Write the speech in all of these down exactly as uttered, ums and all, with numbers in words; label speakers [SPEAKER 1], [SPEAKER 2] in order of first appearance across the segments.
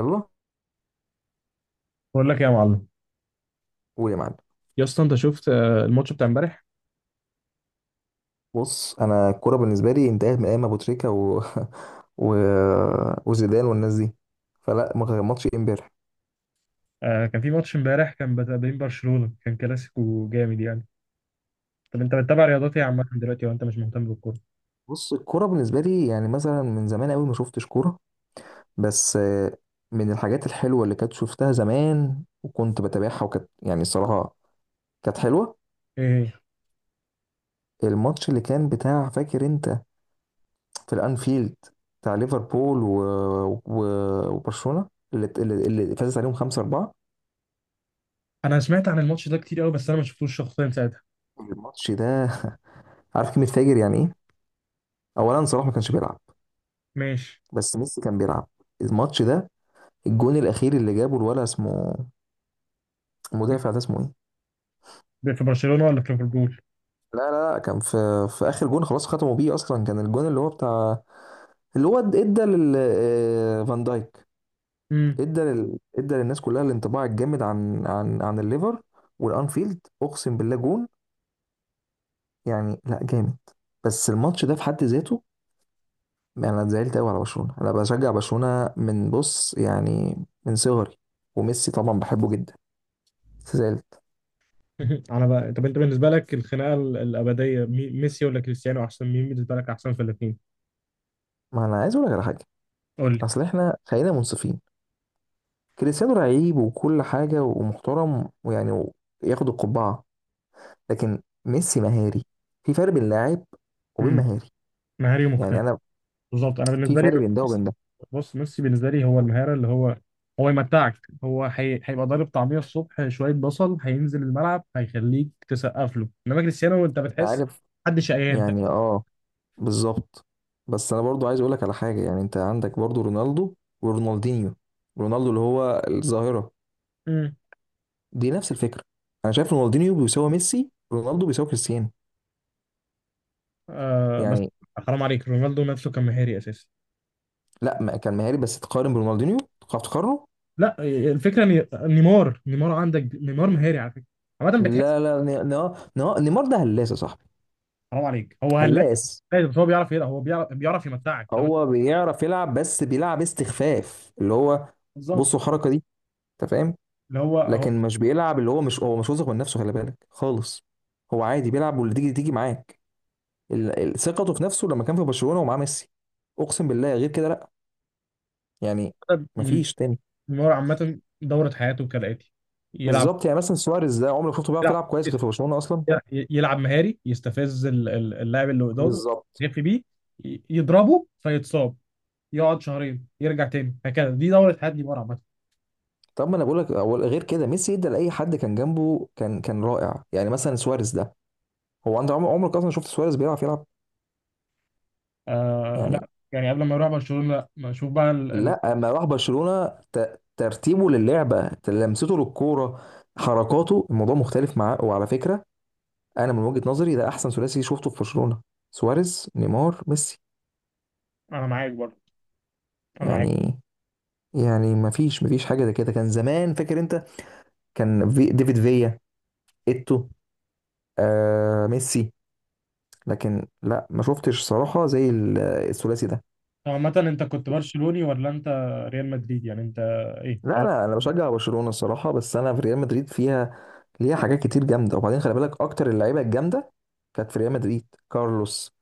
[SPEAKER 1] يلا،
[SPEAKER 2] بقول لك يا معلم.
[SPEAKER 1] قول يا معلم.
[SPEAKER 2] يا اسطى، انت شفت آه، الماتش بتاع امبارح؟
[SPEAKER 1] بص، انا الكوره بالنسبه لي انتهت من ايام ابو تريكه و... و... وزيدان والناس دي، فلا ما كان ماتش إيه امبارح.
[SPEAKER 2] آه، كان في ماتش امبارح، كان بتاع بين برشلونة، كان كلاسيكو جامد يعني. طب انت بتتابع رياضات ايه عامة دلوقتي وانت مش مهتم بالكورة؟
[SPEAKER 1] بص الكوره بالنسبه لي يعني مثلا من زمان قوي ما شفتش كوره، بس آه، من الحاجات الحلوه اللي كانت شفتها زمان وكنت بتابعها وكانت يعني الصراحه كانت حلوه.
[SPEAKER 2] ايه هي؟
[SPEAKER 1] الماتش اللي كان بتاع، فاكر انت، في الانفيلد، بتاع ليفربول و... و... وبرشلونه اللي اللي, اللي فازت عليهم خمسة أربعة.
[SPEAKER 2] انا سمعت عن الماتش ده كتير قوي، بس انا ما شفتوش شخصيا ساعتها.
[SPEAKER 1] الماتش ده عارف كلمه فاجر يعني ايه. اولا صلاح ما كانش بيلعب،
[SPEAKER 2] ماشي.
[SPEAKER 1] بس ميسي كان بيلعب الماتش ده. الجون الاخير اللي جابه الولا اسمه، المدافع ده اسمه ايه،
[SPEAKER 2] ده في برشلونة ولا في ليفربول؟
[SPEAKER 1] لا لا لا كان في، في اخر جون خلاص ختموا بيه اصلا، كان الجون اللي هو بتاع، اللي هو ادى لل آه، فان دايك.
[SPEAKER 2] امم.
[SPEAKER 1] ادى لل... ادى للناس كلها الانطباع الجامد عن عن عن الليفر والانفيلد، اقسم بالله جون يعني لا جامد. بس الماتش ده في حد ذاته، يعني انا اتزعلت قوي على برشلونة. انا بشجع برشلونة من، بص يعني، من صغري، وميسي طبعا بحبه جدا. زعلت.
[SPEAKER 2] على بقى. طب انت بالنسبه لك الخناقه ال- الابديه، مي- ميسي ولا كريستيانو؟ احسن مين بالنسبه لك؟ احسن في الاثنين.
[SPEAKER 1] ما انا عايز اقول لك على حاجه،
[SPEAKER 2] قول لي.
[SPEAKER 1] اصل احنا خلينا منصفين، كريستيانو لعيب وكل حاجه ومحترم ويعني وياخد القبعه، لكن ميسي مهاري. في فرق بين لاعب وبين
[SPEAKER 2] امم.
[SPEAKER 1] مهاري.
[SPEAKER 2] مهاري
[SPEAKER 1] يعني
[SPEAKER 2] ومجتهد.
[SPEAKER 1] انا
[SPEAKER 2] بالظبط، انا
[SPEAKER 1] في
[SPEAKER 2] بالنسبه لي
[SPEAKER 1] فرق بين ده وبين ده.
[SPEAKER 2] بص، ميسي بالنسبه لي هو المهاره، اللي هو هو يمتعك. هو هي... هيبقى ضارب طعميه الصبح، شويه بصل، هينزل الملعب، هيخليك تسقف له. انما كريستيانو انت
[SPEAKER 1] انت
[SPEAKER 2] بتحس
[SPEAKER 1] عارف
[SPEAKER 2] حد شقيان، فاهم.
[SPEAKER 1] يعني اه، بالظبط. بس انا برضو عايز اقول لك على حاجه، يعني انت عندك برضو رونالدو ورونالدينيو. رونالدو اللي هو الظاهره،
[SPEAKER 2] مم.
[SPEAKER 1] دي نفس الفكره. انا شايف رونالدينيو بيساوي ميسي، رونالدو بيساوي كريستيانو.
[SPEAKER 2] آه، بس
[SPEAKER 1] يعني
[SPEAKER 2] حرام عليك، رونالدو نفسه كان مهاري اساسا.
[SPEAKER 1] لا ما كان مهاري بس تقارن برونالدينيو، تعرف تقارنه.
[SPEAKER 2] لا، الفكره ان نيمار نيمار عندك، نيمار مهاري على فكره، عامه بتحس.
[SPEAKER 1] لا لا ن- ن- ن- نيمار ده هلاس يا صاحبي.
[SPEAKER 2] حرام عليك، هو هلاك.
[SPEAKER 1] هلاس.
[SPEAKER 2] هلاك، بس هو بيعرف يلعب، هو بيعرف بيعرف يمتعك لو انت.
[SPEAKER 1] هو بيعرف يلعب بس بيلعب استخفاف، اللي هو
[SPEAKER 2] بالظبط.
[SPEAKER 1] بصوا الحركه دي، انت فاهم.
[SPEAKER 2] اللي هو هو.
[SPEAKER 1] لكن مش بيلعب، اللي هو مش، هو مش واثق من نفسه، خلي بالك خالص. هو عادي بيلعب، واللي تيجي تيجي معاك. ال- ال- ثقته في نفسه لما كان في برشلونه ومعاه ميسي، اقسم بالله غير كده لا. يعني مفيش تاني.
[SPEAKER 2] نيمار عامه دوره حياته كالاتي: يلعب،
[SPEAKER 1] بالظبط، يعني مثلا سواريز ده عمرك شفته بيعرف
[SPEAKER 2] يلعب،
[SPEAKER 1] يلعب كويس غير في برشلونه اصلا.
[SPEAKER 2] يلعب مهاري، يستفز ال- ال- اللاعب اللي قدامه،
[SPEAKER 1] بالظبط.
[SPEAKER 2] يغفي بيه، ي- يضربه فيتصاب، يقعد شهرين يرجع تاني، هكذا دي دورة هادي مرة عامة.
[SPEAKER 1] طب ما انا بقول لك، غير كده ميسي ادى لاي حد كان جنبه، كان كان رائع. يعني مثلا سواريز ده، هو انت عمر- عمرك اصلا شفت سواريز بيعرف يلعب؟
[SPEAKER 2] آه
[SPEAKER 1] يعني
[SPEAKER 2] لا، يعني قبل ما يروح برشلونة لا، ما اشوف بقى. ال... ال...
[SPEAKER 1] لا، اما راح برشلونة ت- ترتيبه للعبة، لمسته للكورة، حركاته، الموضوع مختلف معاه. وعلى فكرة انا من وجهة نظري ده احسن ثلاثي شفته في برشلونة: سواريز، نيمار، ميسي.
[SPEAKER 2] انا معاك برضه، انا معاك.
[SPEAKER 1] يعني يعني ما فيش ما فيش حاجة زي كده. كان زمان، فاكر انت، كان في ديفيد فيا، ايتو، آه ميسي، لكن لا ما شفتش صراحة زي ال- الثلاثي ده.
[SPEAKER 2] طب عامة انت كنت برشلوني ولا انت ريال مدريد؟ يعني انت ايه؟
[SPEAKER 1] لا
[SPEAKER 2] او
[SPEAKER 1] انا انا بشجع برشلونة الصراحة، بس انا في ريال مدريد فيها، ليها حاجات كتير جامده. وبعدين خلي بالك اكتر اللعيبه الجامده كانت في ريال مدريد: كارلوس،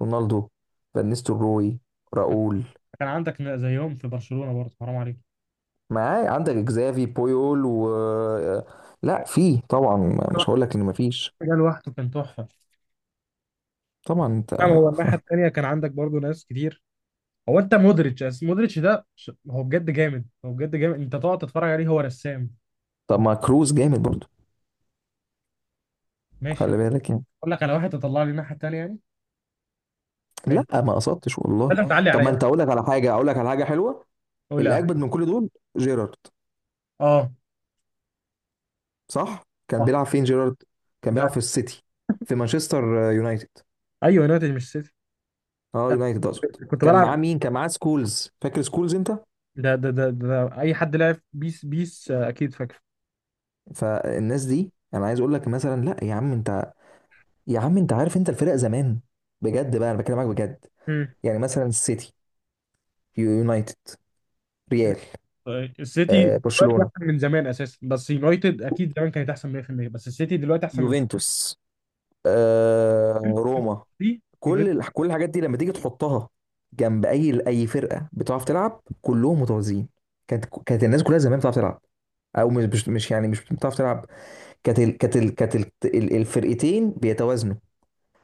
[SPEAKER 1] رونالدو، فان نيستلروي، راؤول.
[SPEAKER 2] كان عندك زيهم في برشلونة برضه، حرام عليك.
[SPEAKER 1] معاه عندك اكزافي بويول و، لا في طبعا، مش هقول لك ان مفيش.
[SPEAKER 2] ده لوحده كان تحفة.
[SPEAKER 1] طبعا انت.
[SPEAKER 2] نعم، هو الناحية التانية كان عندك برضو ناس كتير. هو انت مودريتش، أس- مودريتش ده ش- هو بجد جامد، هو بجد جامد، انت تقعد تتفرج عليه، هو رسام.
[SPEAKER 1] طب ما كروز جامد برضو،
[SPEAKER 2] ماشي.
[SPEAKER 1] خلي بالك يعني.
[SPEAKER 2] اقول لك على واحد تطلع لي الناحيه التانيه يعني. ماشي،
[SPEAKER 1] لا ما قصدتش والله.
[SPEAKER 2] لازم اه تعلي
[SPEAKER 1] طب ما
[SPEAKER 2] عليا.
[SPEAKER 1] انت، اقول لك على حاجه، اقول لك على حاجه حلوه.
[SPEAKER 2] قول
[SPEAKER 1] اللي
[SPEAKER 2] لي.
[SPEAKER 1] اجمد من كل دول جيرارد.
[SPEAKER 2] اه،
[SPEAKER 1] صح، كان
[SPEAKER 2] صح.
[SPEAKER 1] بيلعب فين جيرارد؟ كان
[SPEAKER 2] مش
[SPEAKER 1] بيلعب في
[SPEAKER 2] عارف.
[SPEAKER 1] السيتي، في مانشستر يونايتد.
[SPEAKER 2] ايوه، يونايتد مش سيتي.
[SPEAKER 1] اه يونايتد اقصد.
[SPEAKER 2] كنت
[SPEAKER 1] كان معاه
[SPEAKER 2] بلعب.
[SPEAKER 1] مين، كان معاه سكولز، فاكر سكولز انت؟
[SPEAKER 2] ده ده ده, ده اي حد لعب بيس بيس، آه، اكيد فاكر.
[SPEAKER 1] فالناس دي انا عايز اقول لك مثلا، لا يا عم انت، يا عم انت عارف انت الفرق زمان، بجد بقى انا بكلمك بجد.
[SPEAKER 2] مم.
[SPEAKER 1] يعني مثلا السيتي، يو- يونايتد، ريال،
[SPEAKER 2] طيب، السيتي
[SPEAKER 1] آه
[SPEAKER 2] دلوقتي
[SPEAKER 1] برشلونة،
[SPEAKER 2] احسن من زمان اساسا، بس يونايتد اكيد زمان كانت احسن مية بالمية، بس السيتي دلوقتي احسن من
[SPEAKER 1] يوفنتوس، آه روما،
[SPEAKER 2] السيتي.
[SPEAKER 1] كل
[SPEAKER 2] يونايتد.
[SPEAKER 1] ال- كل الحاجات دي لما تيجي تحطها جنب اي اي فرقه بتعرف تلعب، كلهم متوازيين. كانت كانت الناس كلها زمان بتعرف تلعب، او مش مش مش يعني مش بتعرف تلعب، كانت ال- كانت ال- كانت ال- ال- الفرقتين بيتوازنوا.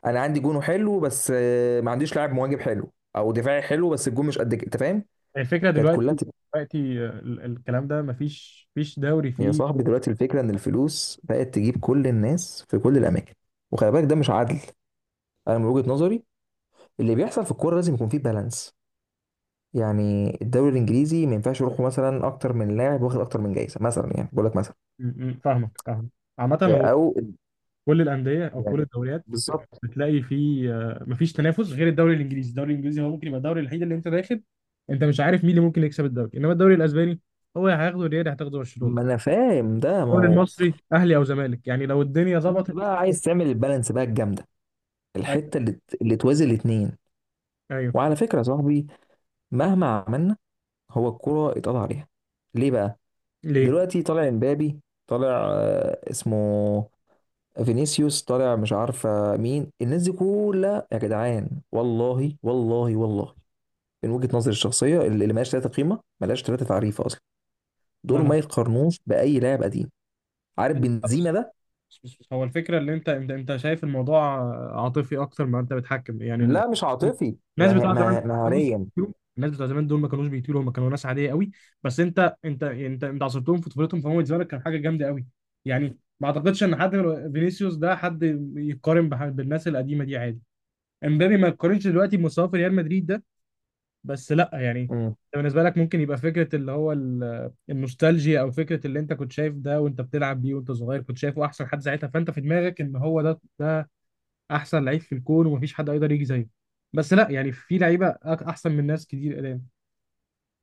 [SPEAKER 1] انا عندي جونه حلو بس آه، ما عنديش لاعب مواجب حلو او دفاعي حلو، بس الجون مش قد كده، انت فاهم.
[SPEAKER 2] الفكره
[SPEAKER 1] كانت كلها
[SPEAKER 2] دلوقتي،
[SPEAKER 1] تبقى.
[SPEAKER 2] دلوقتي آه، ال- الكلام ده مفيش مفيش دوري
[SPEAKER 1] يا
[SPEAKER 2] فيه.
[SPEAKER 1] صاحبي دلوقتي الفكره ان الفلوس بقت تجيب كل الناس في كل الاماكن، وخلي بالك ده مش عدل. انا من وجهه نظري اللي بيحصل في الكوره لازم يكون فيه بالانس. يعني الدوري الانجليزي ما ينفعش يروحوا مثلا اكتر من لاعب واخد اكتر من جايزه مثلا، يعني بقول لك مثلا،
[SPEAKER 2] م- م. فاهمك فاهمك، عامة هو
[SPEAKER 1] آه، او
[SPEAKER 2] كل الأندية أو كل
[SPEAKER 1] يعني،
[SPEAKER 2] الدوريات
[SPEAKER 1] بالظبط.
[SPEAKER 2] بتلاقي فيه آه، مفيش تنافس غير الدوري الإنجليزي. الدوري الإنجليزي هو ممكن يبقى الدوري الوحيد اللي أنت داخل، أنت مش عارف مين اللي ممكن يكسب الدوري. إنما الدوري الأسباني هو يا هياخده الريال يا هتاخده برشلونة،
[SPEAKER 1] ما انا فاهم ده، ما
[SPEAKER 2] الدوري
[SPEAKER 1] هو.
[SPEAKER 2] المصري أهلي أو زمالك، يعني لو الدنيا
[SPEAKER 1] انت
[SPEAKER 2] ظبطت.
[SPEAKER 1] بقى عايز تعمل البالانس بقى الجامده،
[SPEAKER 2] أيوه.
[SPEAKER 1] الحته اللي ت- اللي توازي الاثنين.
[SPEAKER 2] أيوه.
[SPEAKER 1] وعلى فكره يا صاحبي، مهما عملنا، هو الكره اتقضى عليها. ليه بقى؟
[SPEAKER 2] ليه؟
[SPEAKER 1] دلوقتي طالع امبابي، طالع آه، اسمه فينيسيوس، طالع مش عارفه مين الناس دي كلها، يا جدعان والله والله والله من وجهه نظري الشخصيه اللي اللي ملهاش ثلاثه قيمه، ملهاش ثلاثه تعريف اصلا. دول ما
[SPEAKER 2] ما
[SPEAKER 1] يتقارنوش باي لاعب قديم. عارف
[SPEAKER 2] أنا بس
[SPEAKER 1] بنزيما ده.
[SPEAKER 2] بس بس هو الفكرة اللي انت انت انت شايف الموضوع عاطفي اكتر ما انت بتحكم، يعني ان
[SPEAKER 1] لا مش عاطفي،
[SPEAKER 2] الناس
[SPEAKER 1] مه-
[SPEAKER 2] بتوع زمان
[SPEAKER 1] مه-
[SPEAKER 2] ما كانوش
[SPEAKER 1] مهاريا.
[SPEAKER 2] بيطيروا. الناس بتوع زمان دول ما كانوش بيطيروا، هم كانوا ناس عادية قوي. بس انت انت انت انت عصرتهم في طفولتهم، فهم بالنسبة لك كان حاجة جامدة قوي. يعني ما اعتقدش ان حد من فينيسيوس ده حد يقارن بح- بالناس القديمة دي، عادي. امبابي ما يقارنش دلوقتي بمستواه في ريال مدريد ده، بس لا يعني.
[SPEAKER 1] مم.
[SPEAKER 2] انت بالنسبه لك ممكن يبقى فكره اللي هو ال- النوستالجيا، او فكره اللي انت كنت شايف ده وانت بتلعب بيه وانت صغير، كنت شايفه احسن حد ساعتها، فانت في دماغك ان هو ده ده احسن لعيب في الكون ومفيش حد يقدر يجي زيه. بس لا يعني، في لعيبه أك- احسن من ناس كتير قدام.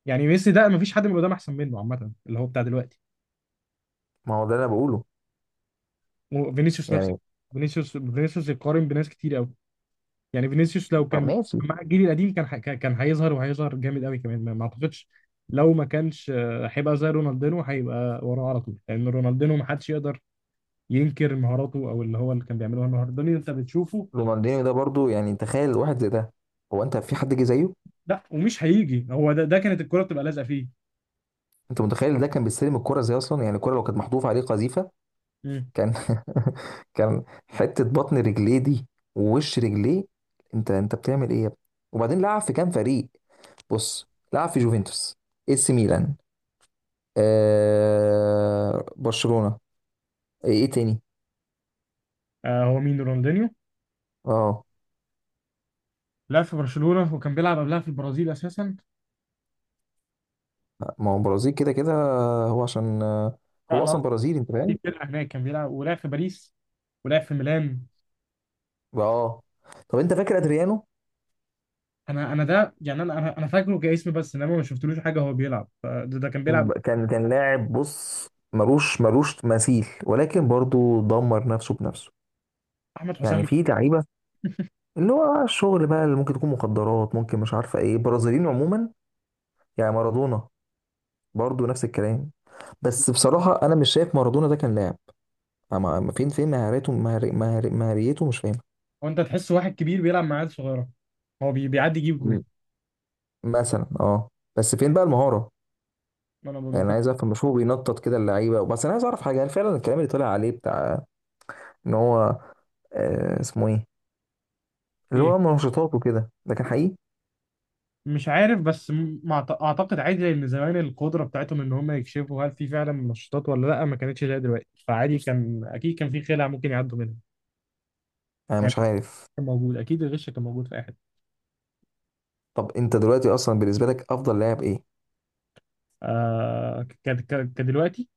[SPEAKER 2] يعني ميسي ده مفيش حد من قدام احسن منه عامه، اللي هو بتاع دلوقتي.
[SPEAKER 1] ما هو ده اللي انا بقوله.
[SPEAKER 2] وفينيسيوس نفس.
[SPEAKER 1] يعني
[SPEAKER 2] فينيسيوس فينيسيوس يقارن بناس كتير قوي. يعني فينيسيوس لو
[SPEAKER 1] ما-
[SPEAKER 2] كان
[SPEAKER 1] ماشي.
[SPEAKER 2] مع الجيل القديم كان ح- كان كان هيظهر، وهيظهر جامد قوي كمان. ما ما اعتقدش، لو ما كانش آه، هيبقى زي رونالدينو، هيبقى وراه على طول، لان رونالدينو ما حدش يقدر ينكر مهاراته، او اللي هو اللي كان بيعمله النهارده اللي انت بتشوفه.
[SPEAKER 1] رونالدينيو ده برضو، يعني تخيل واحد زي ده. هو انت في حد جه زيه؟
[SPEAKER 2] لا، ومش هيجي، هو ده ده كانت الكرة بتبقى لازقه فيه.
[SPEAKER 1] انت متخيل ده كان بيستلم الكرة زي، اصلا يعني الكرة لو كانت محذوفة عليه قذيفة
[SPEAKER 2] مم.
[SPEAKER 1] كان كان حتة بطن رجليه دي، ووش رجليه. انت انت بتعمل ايه يا ابني. وبعدين لعب في كام فريق. بص، لعب في جوفنتوس، اي سي ميلان، آه برشلونة، ايه إيه تاني.
[SPEAKER 2] آه، هو مين رونالدينيو.
[SPEAKER 1] اه.
[SPEAKER 2] لعب في برشلونة وكان بيلعب قبلها في البرازيل اساسا.
[SPEAKER 1] ما هو برازيل كده كده، هو عشان آه،
[SPEAKER 2] لا
[SPEAKER 1] هو
[SPEAKER 2] انا
[SPEAKER 1] اصلا
[SPEAKER 2] قصدي
[SPEAKER 1] برازيلي، انت
[SPEAKER 2] في
[SPEAKER 1] فاهم.
[SPEAKER 2] فرقة هناك كان بيلعب، ولعب في باريس، ولعب في ميلان.
[SPEAKER 1] اه. طب انت فاكر ادريانو؟
[SPEAKER 2] انا انا ده يعني انا انا أنا فاكره كاسم، بس انما ما شفتلوش حاجه هو بيلعب، فده ده كان بيلعب.
[SPEAKER 1] كان كان لاعب، بص، ملوش ملوش مثيل، ولكن برضو دمر نفسه بنفسه.
[SPEAKER 2] احمد
[SPEAKER 1] يعني
[SPEAKER 2] حسام.
[SPEAKER 1] في لعيبه اللي هو الشغل بقى، اللي ممكن تكون مخدرات، ممكن مش عارفه ايه، برازيليين عموما. يعني مارادونا برضو نفس الكلام، بس بصراحه انا مش شايف مارادونا ده كان لاعب. أما- أما فين، فين مهارته، مهار- مهار- مهاريته، مش فاهم.
[SPEAKER 2] وانت تحس واحد كبير بيلعب مع عيال صغيره، هو بي- بيعدي يجيب جول.
[SPEAKER 1] مم. مثلا اه. بس فين بقى المهاره؟
[SPEAKER 2] انا ما
[SPEAKER 1] يعني انا
[SPEAKER 2] كنت.
[SPEAKER 1] عايز افهم، مش هو بينطط كده اللعيبه. بس انا عايز اعرف حاجه، هل فعلا الكلام اللي طلع عليه بتاع ان هو، آه اسمه ايه، اللي
[SPEAKER 2] ايه.
[SPEAKER 1] هو منشطات وكده، لكن حقيقي؟
[SPEAKER 2] مش عارف، بس م- مع- اعتقد عادي، لان زمان القدره بتاعتهم ان هم يكشفوا هل في فعلا منشطات ولا لا ما كانتش زي دلوقتي، فعادي كان اكيد كان في خلع ممكن يعدوا منها.
[SPEAKER 1] انا
[SPEAKER 2] يعني
[SPEAKER 1] مش عارف.
[SPEAKER 2] كان موجود، اكيد الغش كان موجود في اي حته.
[SPEAKER 1] طب انت دلوقتي اصلا بالنسبه لك افضل لاعب ايه؟
[SPEAKER 2] آه، ك- ك- كدلوقتي.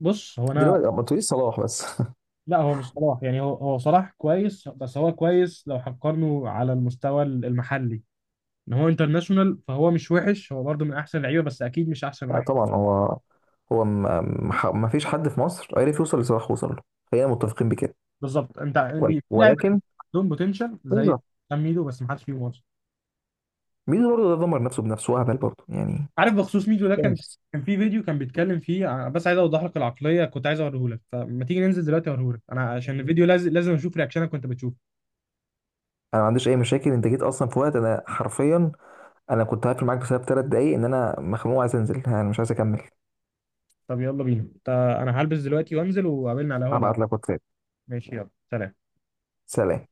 [SPEAKER 2] بص هو انا،
[SPEAKER 1] دلوقتي ما تقوليش صلاح بس
[SPEAKER 2] لا هو مش صلاح، يعني هو هو صلاح كويس، بس هو كويس لو هنقارنه على المستوى المحلي. ان هو انترناشونال فهو مش وحش، هو برضه من احسن اللعيبه بس اكيد مش احسن
[SPEAKER 1] لا
[SPEAKER 2] واحد.
[SPEAKER 1] طبعا هو، هو ما ما- ما فيش حد في مصر عرف يوصل لصلاح، وصل له. خلينا متفقين بكده.
[SPEAKER 2] بالظبط، انت
[SPEAKER 1] ول-
[SPEAKER 2] يعني في لعيبه
[SPEAKER 1] ولكن
[SPEAKER 2] عندهم بوتنشال زي
[SPEAKER 1] بالظبط.
[SPEAKER 2] حسام ميدو، بس ما حدش فيهم اصلا.
[SPEAKER 1] ميدو برضه ده دمر نفسه بنفسه، هبل برضه يعني.
[SPEAKER 2] عارف بخصوص ميدو
[SPEAKER 1] مش
[SPEAKER 2] ده،
[SPEAKER 1] فاهم.
[SPEAKER 2] كان كان في فيديو كان بيتكلم فيه ع- بس عايز اوضح لك العقليه، كنت عايز اوريه لك، فما تيجي ننزل دلوقتي اوريه لك انا، عشان الفيديو لازم لازم اشوف رياكشنك وانت بتشوفه.
[SPEAKER 1] انا ما عنديش اي مشاكل، انت جيت اصلا في وقت انا حرفيا، انا كنت هقفل معاك بسبب ثلاث دقايق، ان انا مخنوق عايز انزل، انا مش عايز اكمل.
[SPEAKER 2] طب يلا بينا، تا- انا هلبس دلوقتي وانزل وقابلنا على القهوه. اللي على-
[SPEAKER 1] هبعت لك واتساب.
[SPEAKER 2] ماشي يلا، سلام.
[SPEAKER 1] سلام.